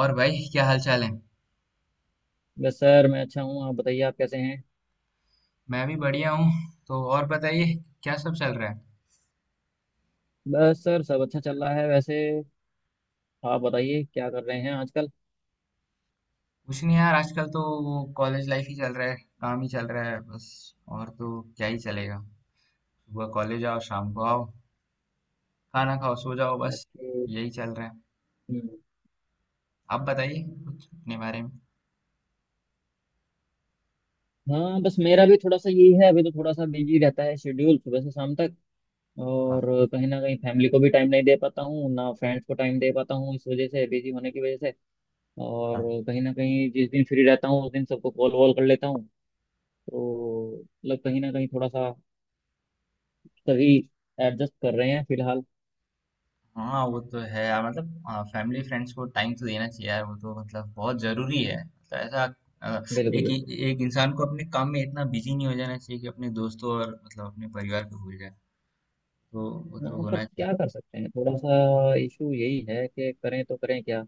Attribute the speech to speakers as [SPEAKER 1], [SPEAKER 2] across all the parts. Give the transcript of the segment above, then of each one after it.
[SPEAKER 1] और भाई क्या हाल चाल है।
[SPEAKER 2] बस सर मैं अच्छा हूँ। आप बताइए आप कैसे हैं।
[SPEAKER 1] मैं भी बढ़िया हूँ। तो और बताइए। क्या सब चल रहा है।
[SPEAKER 2] बस सर सब अच्छा चल रहा है वैसे। आप बताइए क्या कर रहे हैं आजकल।
[SPEAKER 1] कुछ नहीं यार आजकल तो वो कॉलेज लाइफ ही चल रहा है। काम ही चल रहा है बस। और तो क्या ही चलेगा। सुबह कॉलेज आओ शाम को आओ खाना खाओ सो जाओ बस।
[SPEAKER 2] ओके।
[SPEAKER 1] यही चल रहा है।
[SPEAKER 2] हम्म।
[SPEAKER 1] आप बताइए कुछ अपने बारे में।
[SPEAKER 2] हाँ बस मेरा भी थोड़ा सा यही है, अभी तो थोड़ा सा बिजी रहता है, शेड्यूल सुबह से शाम तक। और
[SPEAKER 1] हाँ,
[SPEAKER 2] कहीं ना कहीं फैमिली को भी टाइम नहीं दे पाता हूँ, ना फ्रेंड्स को टाइम दे पाता हूँ, इस वजह से, बिजी होने की वजह से। और
[SPEAKER 1] हाँ,
[SPEAKER 2] कहीं ना कहीं जिस दिन फ्री रहता हूँ उस दिन सबको कॉल वॉल कर लेता हूँ। तो मतलब कहीं ना कहीं थोड़ा सा सभी एडजस्ट कर रहे हैं फिलहाल।
[SPEAKER 1] हाँ, वो तो है यार मतलब फैमिली फ्रेंड्स को टाइम तो देना चाहिए यार वो तो मतलब बहुत जरूरी है मतलब ऐसा। अ,
[SPEAKER 2] बिल्कुल
[SPEAKER 1] एक
[SPEAKER 2] बिल्कुल।
[SPEAKER 1] एक इंसान को अपने काम में इतना बिजी नहीं हो जाना चाहिए कि अपने दोस्तों और मतलब अपने परिवार को भूल जाए। तो वो तो
[SPEAKER 2] हाँ पर
[SPEAKER 1] होना चाहिए।
[SPEAKER 2] क्या कर सकते हैं, थोड़ा सा इशू यही है कि करें तो करें क्या।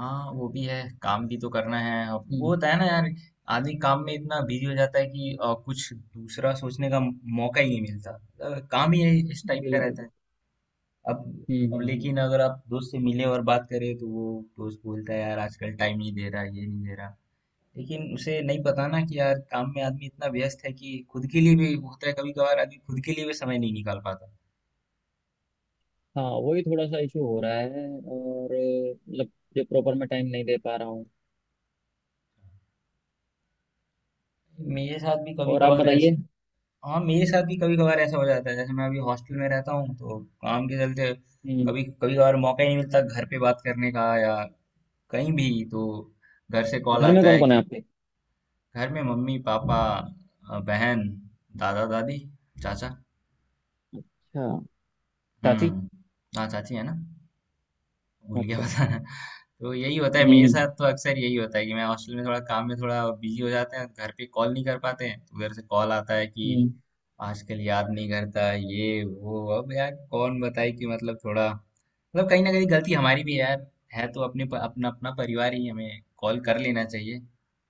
[SPEAKER 1] हाँ वो भी है। काम भी तो करना है अब वो
[SPEAKER 2] हम्म।
[SPEAKER 1] होता है ना यार। आदमी काम में इतना बिजी हो जाता है कि कुछ दूसरा सोचने का मौका ही नहीं मिलता। काम ही इस टाइप का
[SPEAKER 2] बिल्कुल
[SPEAKER 1] रहता है।
[SPEAKER 2] बिल्कुल।
[SPEAKER 1] अब।
[SPEAKER 2] हम्म
[SPEAKER 1] अब
[SPEAKER 2] हम्म हम्म।
[SPEAKER 1] लेकिन अगर आप दोस्त से मिले और बात करें तो वो दोस्त बोलता है यार आजकल टाइम नहीं दे रहा ये नहीं दे रहा। लेकिन उसे नहीं पता ना कि यार काम में आदमी इतना व्यस्त है कि खुद के लिए भी होता है कभी कभार आदमी खुद के लिए भी समय नहीं निकाल पाता।
[SPEAKER 2] हाँ वही थोड़ा सा इशू हो रहा है और मतलब जो प्रॉपर में टाइम नहीं दे पा रहा हूँ।
[SPEAKER 1] मेरे साथ भी कभी
[SPEAKER 2] और आप
[SPEAKER 1] कभार।
[SPEAKER 2] बताइए।
[SPEAKER 1] हाँ मेरे साथ भी कभी कभार ऐसा हो जाता है जैसे मैं अभी हॉस्टल में रहता हूँ तो काम के चलते
[SPEAKER 2] हम्म।
[SPEAKER 1] कभी कभी कभार मौका ही नहीं मिलता घर पे बात करने का या कहीं भी तो घर से कॉल
[SPEAKER 2] घर में
[SPEAKER 1] आता
[SPEAKER 2] कौन
[SPEAKER 1] है
[SPEAKER 2] कौन है
[SPEAKER 1] कि।
[SPEAKER 2] आपके।
[SPEAKER 1] घर में मम्मी पापा, बहन, दादा दादी, चाचा।
[SPEAKER 2] अच्छा। चाची।
[SPEAKER 1] हम्म। हाँ चाची है ना। भूल गया
[SPEAKER 2] अच्छा।
[SPEAKER 1] बताना। तो यही होता है मेरे साथ
[SPEAKER 2] हम्म
[SPEAKER 1] तो अक्सर यही होता है कि मैं हॉस्टल में थोड़ा काम में थोड़ा बिजी हो जाते हैं घर पे कॉल नहीं कर पाते हैं तो उधर से कॉल आता है कि
[SPEAKER 2] हम्म
[SPEAKER 1] आजकल याद नहीं करता ये वो अब यार कौन बताए कि मतलब थोड़ा मतलब कहीं ना कहीं गलती हमारी भी है यार। है तो अपने अपना अपना परिवार ही हमें कॉल कर लेना चाहिए।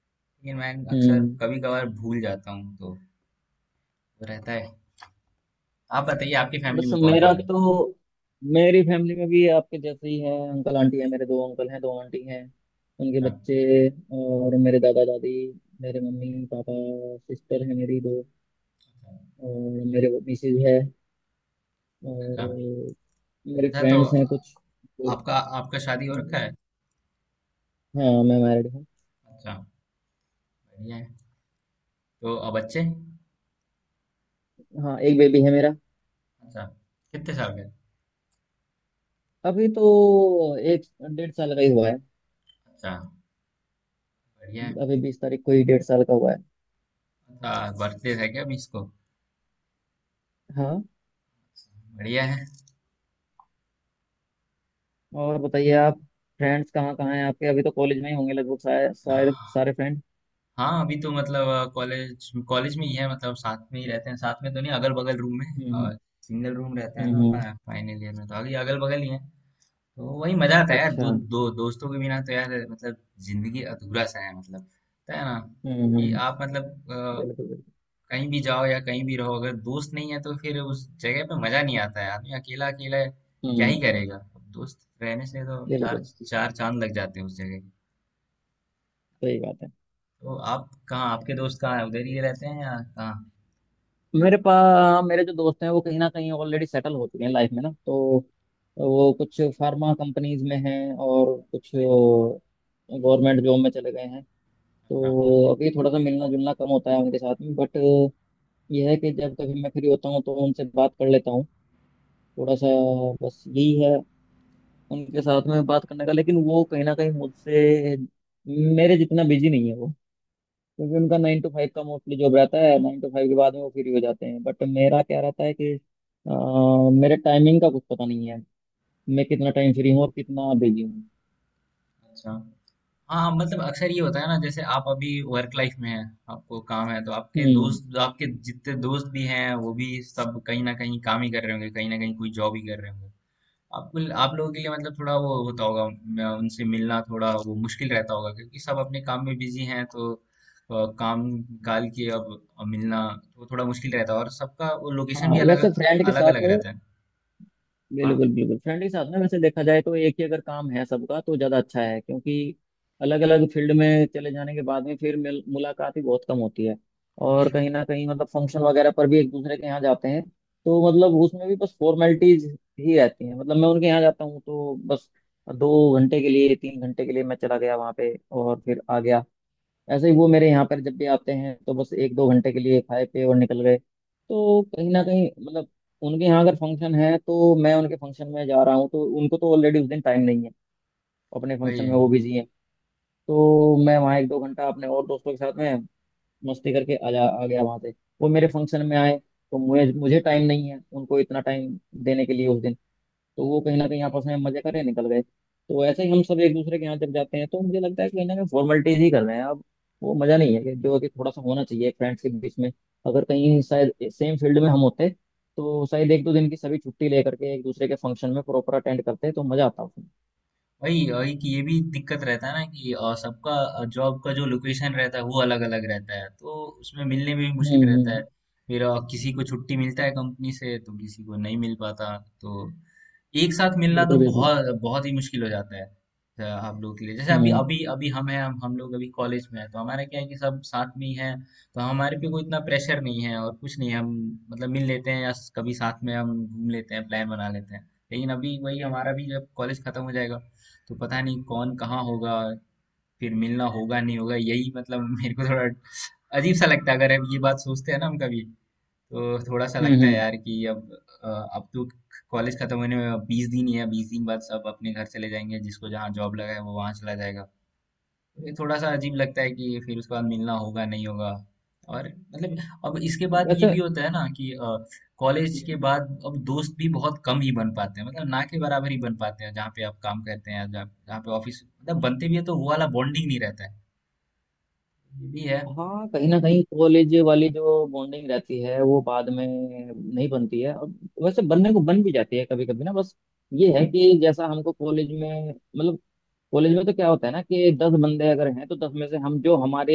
[SPEAKER 1] लेकिन मैं अक्सर
[SPEAKER 2] हम्म।
[SPEAKER 1] कभी कभार भूल जाता हूँ तो रहता है। आप बताइए आपकी फैमिली
[SPEAKER 2] बस
[SPEAKER 1] में कौन
[SPEAKER 2] मेरा
[SPEAKER 1] कौन है।
[SPEAKER 2] तो, मेरी फैमिली में भी आपके जैसे ही है, अंकल आंटी है, मेरे दो अंकल हैं, दो आंटी हैं, उनके
[SPEAKER 1] अच्छा,
[SPEAKER 2] बच्चे, और मेरे दादा दादी, मेरे मम्मी पापा, सिस्टर है मेरी दो, और मेरे मिसेज है, और
[SPEAKER 1] अच्छा,
[SPEAKER 2] मेरे
[SPEAKER 1] अच्छा, तो
[SPEAKER 2] फ्रेंड्स हैं कुछ। तो,
[SPEAKER 1] आपका आपका शादी हो रखा है।
[SPEAKER 2] हाँ मैं मैरिड हूँ।
[SPEAKER 1] अच्छा। बढ़िया है। तो अब बच्चे।
[SPEAKER 2] हाँ एक बेबी है मेरा।
[SPEAKER 1] अच्छा। कितने साल के।
[SPEAKER 2] अभी तो एक डेढ़ साल का ही हुआ है।
[SPEAKER 1] अच्छा। बढ़िया है।
[SPEAKER 2] अभी 20 तारीख को ही डेढ़ साल का हुआ है।
[SPEAKER 1] अच्छा बर्थडे है क्या अभी इसको।
[SPEAKER 2] हाँ।
[SPEAKER 1] बढ़िया है।
[SPEAKER 2] और बताइए आप। फ्रेंड्स कहाँ कहाँ हैं आपके, अभी तो कॉलेज में ही होंगे लगभग सारे सारे सारे फ्रेंड।
[SPEAKER 1] हाँ अभी तो मतलब कॉलेज कॉलेज में ही है मतलब साथ में ही रहते हैं साथ में तो नहीं अगल बगल रूम है।
[SPEAKER 2] हम्म
[SPEAKER 1] और सिंगल रूम रहता है ना
[SPEAKER 2] हम्म।
[SPEAKER 1] फाइनल ईयर में तो अभी अगल बगल ही है। तो वही मजा आता है यार दो
[SPEAKER 2] अच्छा।
[SPEAKER 1] दो दोस्तों के बिना तो यार मतलब जिंदगी अधूरा सा है मतलब होता है ना
[SPEAKER 2] हम्म
[SPEAKER 1] कि
[SPEAKER 2] हम्म,
[SPEAKER 1] आप मतलब
[SPEAKER 2] बिल्कुल बिल्कुल।
[SPEAKER 1] कहीं भी जाओ या कहीं भी रहो अगर दोस्त नहीं है तो फिर उस जगह पे मजा नहीं आता है आदमी अकेला अकेला है, क्या
[SPEAKER 2] हम्म।
[SPEAKER 1] ही करेगा। दोस्त रहने से तो चार
[SPEAKER 2] बिल्कुल।
[SPEAKER 1] चार चांद लग जाते हैं उस जगह के।
[SPEAKER 2] सही बात है।
[SPEAKER 1] तो आप कहाँ आपके दोस्त कहाँ है उधर ही रहते हैं या कहाँ।
[SPEAKER 2] मेरे पास मेरे जो दोस्त हैं वो कहीं ना कहीं ऑलरेडी सेटल हो चुके हैं लाइफ में ना, तो वो कुछ फार्मा कंपनीज में हैं और कुछ गवर्नमेंट जॉब में चले गए हैं। तो अभी थोड़ा सा मिलना जुलना कम होता है उनके साथ में, बट यह है कि जब कभी मैं फ्री होता हूँ तो उनसे बात कर लेता हूँ थोड़ा सा। बस यही है उनके साथ में बात करने का, लेकिन वो कहीं ना कहीं मुझसे मेरे जितना बिजी नहीं है वो। क्योंकि उनका 9 to 5 का मोस्टली जॉब रहता है, 9 to 5 के बाद में वो फ्री हो जाते हैं। बट मेरा क्या रहता है कि मेरे टाइमिंग का कुछ पता नहीं है। मैं कितना टाइम फ्री हूँ और कितना बिजी हूँ।
[SPEAKER 1] अच्छा हाँ। हाँ, मतलब अक्सर ये होता है ना जैसे आप अभी वर्क लाइफ में हैं। आपको काम है तो आपके
[SPEAKER 2] हम्म।
[SPEAKER 1] दोस्त आपके जितने दोस्त भी हैं वो भी सब कहीं ना कहीं काम ही कर रहे होंगे कहीं ना कहीं कोई जॉब ही कर रहे होंगे। आपको आप लोगों के लिए मतलब थोड़ा वो होता होगा उनसे मिलना थोड़ा वो मुश्किल रहता होगा क्योंकि सब अपने काम में बिजी हैं तो काम काल के अब मिलना तो थोड़ा मुश्किल रहता है और सबका वो लोकेशन भी
[SPEAKER 2] हाँ
[SPEAKER 1] अलग
[SPEAKER 2] वैसे फ्रेंड के
[SPEAKER 1] अलग
[SPEAKER 2] साथ,
[SPEAKER 1] अलग रहता है। हाँ
[SPEAKER 2] बिल्कुल बिल्कुल। फ्रेंड के साथ में वैसे देखा जाए तो एक ही अगर काम है सबका तो ज़्यादा अच्छा है, क्योंकि अलग अलग फील्ड में चले जाने के बाद में फिर मिल मुलाकात ही बहुत कम होती है। और
[SPEAKER 1] वही
[SPEAKER 2] कहीं ना कहीं मतलब फंक्शन वगैरह पर भी एक दूसरे के यहाँ जाते हैं, तो मतलब उसमें भी बस फॉर्मेलिटीज ही रहती हैं। मतलब मैं उनके यहाँ जाता हूँ तो बस 2 घंटे के लिए, 3 घंटे के लिए मैं चला गया वहाँ पे और फिर आ गया। ऐसे ही वो मेरे यहाँ पर जब भी आते हैं तो बस एक दो घंटे के लिए खाए पिए और निकल गए। तो कहीं ना कहीं मतलब उनके यहाँ अगर फंक्शन है तो मैं उनके फंक्शन में जा रहा हूँ, तो उनको तो ऑलरेडी उस दिन टाइम नहीं है, अपने
[SPEAKER 1] वही
[SPEAKER 2] फंक्शन
[SPEAKER 1] है
[SPEAKER 2] में वो बिजी हैं। तो मैं वहाँ एक दो घंटा अपने और दोस्तों के साथ में मस्ती करके आ गया वहाँ से। वो मेरे फंक्शन में आए तो मुझे मुझे टाइम नहीं है उनको इतना टाइम देने के लिए उस दिन। तो वो कहीं ना कहीं आपस में मजे करे निकल गए। तो ऐसे ही हम सब एक दूसरे के यहाँ जब जाते हैं तो मुझे लगता है कि कहीं ना कहीं फॉर्मेलिटीज ही कर रहे हैं अब। वो मजा नहीं है कि जो कि थोड़ा सा होना चाहिए फ्रेंड्स के बीच में। अगर कहीं शायद सेम फील्ड में हम होते तो शायद एक दो दिन की सभी छुट्टी लेकर के एक दूसरे के फंक्शन में प्रॉपर अटेंड करते तो मजा आता उसमें।
[SPEAKER 1] वही वही कि ये भी दिक्कत रहता है ना कि सबका जॉब का जो लोकेशन रहता है वो अलग अलग रहता है तो उसमें मिलने में भी मुश्किल
[SPEAKER 2] हम्म
[SPEAKER 1] रहता है।
[SPEAKER 2] हम्म
[SPEAKER 1] फिर किसी को छुट्टी मिलता है कंपनी से तो किसी को नहीं मिल पाता तो एक साथ मिलना
[SPEAKER 2] बिल्कुल
[SPEAKER 1] तो
[SPEAKER 2] बिल्कुल।
[SPEAKER 1] बहुत बहुत ही मुश्किल हो जाता है। आप लोग के लिए जैसे अभी
[SPEAKER 2] हम्म
[SPEAKER 1] अभी अभी हम हैं, हम लोग अभी कॉलेज में हैं तो हमारा क्या है कि सब साथ में ही हैं। तो हमारे पे कोई इतना प्रेशर नहीं है और कुछ नहीं है, हम मतलब मिल लेते हैं या कभी साथ में हम घूम लेते हैं प्लान बना लेते हैं लेकिन अभी वही हमारा भी जब कॉलेज खत्म हो जाएगा तो पता नहीं कौन कहाँ होगा। फिर मिलना होगा नहीं होगा यही मतलब मेरे को थोड़ा अजीब सा लगता है अगर अब ये बात सोचते हैं ना हम कभी। तो थोड़ा सा लगता है
[SPEAKER 2] हम्म।
[SPEAKER 1] यार कि अब अब तो कॉलेज खत्म होने में 20 दिन ही है 20 दिन बाद सब अपने घर चले जाएंगे जिसको जहाँ जॉब लगा है वो वहाँ चला जाएगा। ये थोड़ा सा अजीब लगता है कि फिर उसके बाद मिलना होगा नहीं होगा। और मतलब अब इसके बाद ये
[SPEAKER 2] वैसे
[SPEAKER 1] भी होता है ना कि कॉलेज के बाद अब दोस्त भी बहुत कम ही बन पाते हैं मतलब ना के बराबर ही बन पाते हैं जहाँ पे आप काम करते हैं जहाँ जहाँ पे ऑफिस मतलब बनते भी है तो वो वाला बॉन्डिंग नहीं रहता है। ये भी है।
[SPEAKER 2] हाँ, कहीं ना कहीं कॉलेज वाली जो बॉन्डिंग रहती है वो बाद में नहीं बनती है। और वैसे बनने को बन भी जाती है कभी कभी ना, बस ये है कि जैसा हमको कॉलेज में मतलब, कॉलेज में तो क्या होता है ना कि 10 बंदे अगर हैं तो 10 में से हम जो हमारे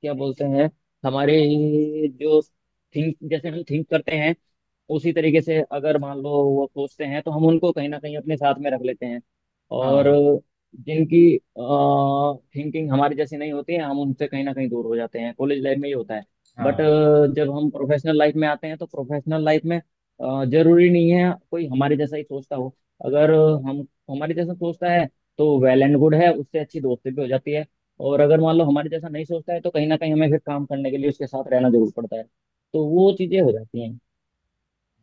[SPEAKER 2] क्या बोलते हैं, हमारे जो थिंक, जैसे हम थिंक करते हैं उसी तरीके से अगर मान लो वो सोचते हैं तो हम उनको कहीं ना कहीं अपने साथ में रख लेते हैं। और
[SPEAKER 1] हाँ,
[SPEAKER 2] जिनकी थिंकिंग हमारी जैसी नहीं होती है हम उनसे कहीं ना कहीं दूर हो जाते हैं। कॉलेज लाइफ में ये होता है। बट
[SPEAKER 1] हाँ,
[SPEAKER 2] जब हम प्रोफेशनल लाइफ में आते हैं तो प्रोफेशनल लाइफ में जरूरी नहीं है कोई हमारे जैसा ही सोचता हो। अगर हम हमारे जैसा सोचता है तो वेल एंड गुड है, उससे अच्छी दोस्ती भी हो जाती है। और अगर मान लो हमारे जैसा नहीं सोचता है तो कहीं ना कहीं हमें फिर काम करने के लिए उसके साथ रहना जरूर पड़ता है, तो वो चीजें हो जाती हैं।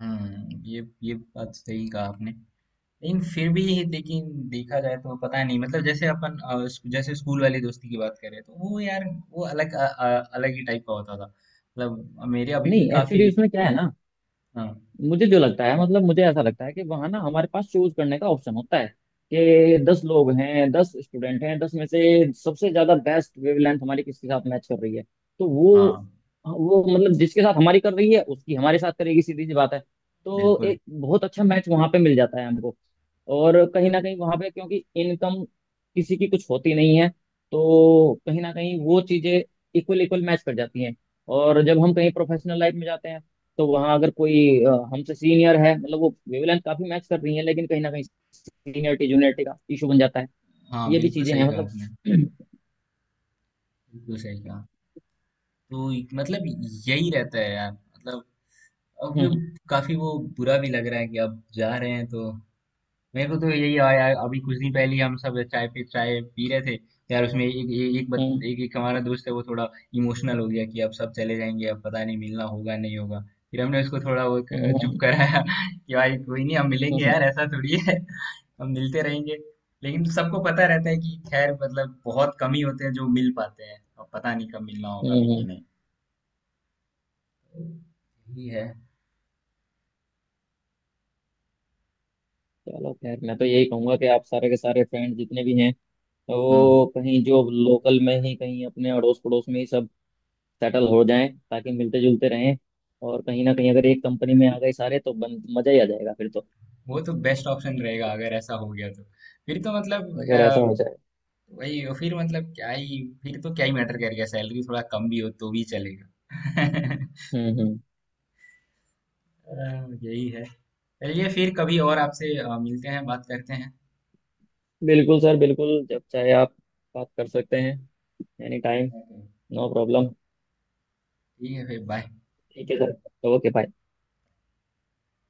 [SPEAKER 1] ये बात सही कहा आपने। लेकिन फिर भी लेकिन देखा जाए तो पता नहीं मतलब जैसे अपन जैसे स्कूल वाली दोस्ती की बात करें तो वो यार वो अलग अलग ही टाइप का होता था मतलब मेरे अभी
[SPEAKER 2] नहीं
[SPEAKER 1] भी
[SPEAKER 2] एक्चुअली
[SPEAKER 1] काफी।
[SPEAKER 2] उसमें क्या है ना,
[SPEAKER 1] हाँ,
[SPEAKER 2] मुझे जो लगता है मतलब मुझे ऐसा लगता है कि वहां ना हमारे पास चूज करने का ऑप्शन होता है कि 10 लोग हैं, 10 स्टूडेंट हैं, 10 में से सबसे ज्यादा बेस्ट वेवलेंथ हमारी किसके साथ मैच कर रही है, तो वो
[SPEAKER 1] हाँ,
[SPEAKER 2] वो मतलब जिसके साथ हमारी कर रही है उसकी हमारे साथ करेगी, सीधी सी बात है। तो
[SPEAKER 1] बिल्कुल।
[SPEAKER 2] एक बहुत अच्छा मैच वहां पे मिल जाता है हमको। और कहीं ना कहीं वहां पे क्योंकि इनकम किसी की कुछ होती नहीं है तो कहीं ना कहीं वो चीजें इक्वल इक्वल मैच कर जाती हैं। और जब हम कहीं प्रोफेशनल लाइफ में जाते हैं तो वहां अगर कोई हमसे सीनियर है मतलब वो वेवलेंथ काफी मैच कर रही है लेकिन कहीं ना कहीं सीनियरिटी जूनियरिटी का इशू बन जाता है।
[SPEAKER 1] हाँ
[SPEAKER 2] ये भी
[SPEAKER 1] बिल्कुल
[SPEAKER 2] चीजें हैं
[SPEAKER 1] सही कहा आपने।
[SPEAKER 2] मतलब।
[SPEAKER 1] बिल्कुल सही कहा। तो मतलब यही रहता है यार मतलब अब भी
[SPEAKER 2] हम्म
[SPEAKER 1] काफी वो बुरा भी लग रहा है कि अब जा रहे हैं तो। मेरे को तो यही आया अभी कुछ दिन पहले ही हम सब चाय पे चाय पी रहे थे तो यार उसमें एक एक एक, बत,
[SPEAKER 2] हम्म
[SPEAKER 1] एक, एक हमारा दोस्त है वो थोड़ा इमोशनल हो गया कि अब सब चले जाएंगे अब पता नहीं मिलना होगा नहीं होगा। फिर हमने उसको थोड़ा वो
[SPEAKER 2] हम्म
[SPEAKER 1] चुप
[SPEAKER 2] हम्म
[SPEAKER 1] कराया कि भाई कोई नहीं हम
[SPEAKER 2] हम्म,
[SPEAKER 1] मिलेंगे
[SPEAKER 2] हम्म।
[SPEAKER 1] यार ऐसा थोड़ी है। हम मिलते रहेंगे। लेकिन सबको पता रहता है कि खैर मतलब बहुत कम ही होते हैं जो मिल पाते हैं अब पता नहीं कब मिलना होगा
[SPEAKER 2] हम्म,
[SPEAKER 1] अभी
[SPEAKER 2] हम्म।
[SPEAKER 1] कि नहीं। यही है।
[SPEAKER 2] चलो खैर, मैं तो यही कहूंगा कि आप सारे के सारे फ्रेंड जितने भी हैं वो
[SPEAKER 1] हम्म,
[SPEAKER 2] कहीं जो लोकल में ही कहीं अपने अड़ोस पड़ोस में ही सब सेटल हो जाएं ताकि मिलते जुलते रहें। और कहीं ना कहीं अगर एक कंपनी में आ गए सारे तो मजा ही आ जाएगा फिर तो।
[SPEAKER 1] वो तो बेस्ट ऑप्शन रहेगा अगर ऐसा हो गया तो फिर तो
[SPEAKER 2] अगर ऐसा
[SPEAKER 1] मतलब
[SPEAKER 2] हो जाए।
[SPEAKER 1] वही और फिर मतलब क्या ही फिर तो क्या ही मैटर करेगा सैलरी थोड़ा कम भी हो तो भी चलेगा
[SPEAKER 2] हम्म।
[SPEAKER 1] यही है। चलिए फिर कभी और आपसे मिलते हैं बात करते हैं।
[SPEAKER 2] बिल्कुल सर बिल्कुल, जब चाहे आप बात कर सकते हैं। Any time.
[SPEAKER 1] Okay।
[SPEAKER 2] No problem.
[SPEAKER 1] ठीक है फिर बाय।
[SPEAKER 2] ठीक है सर, ओके।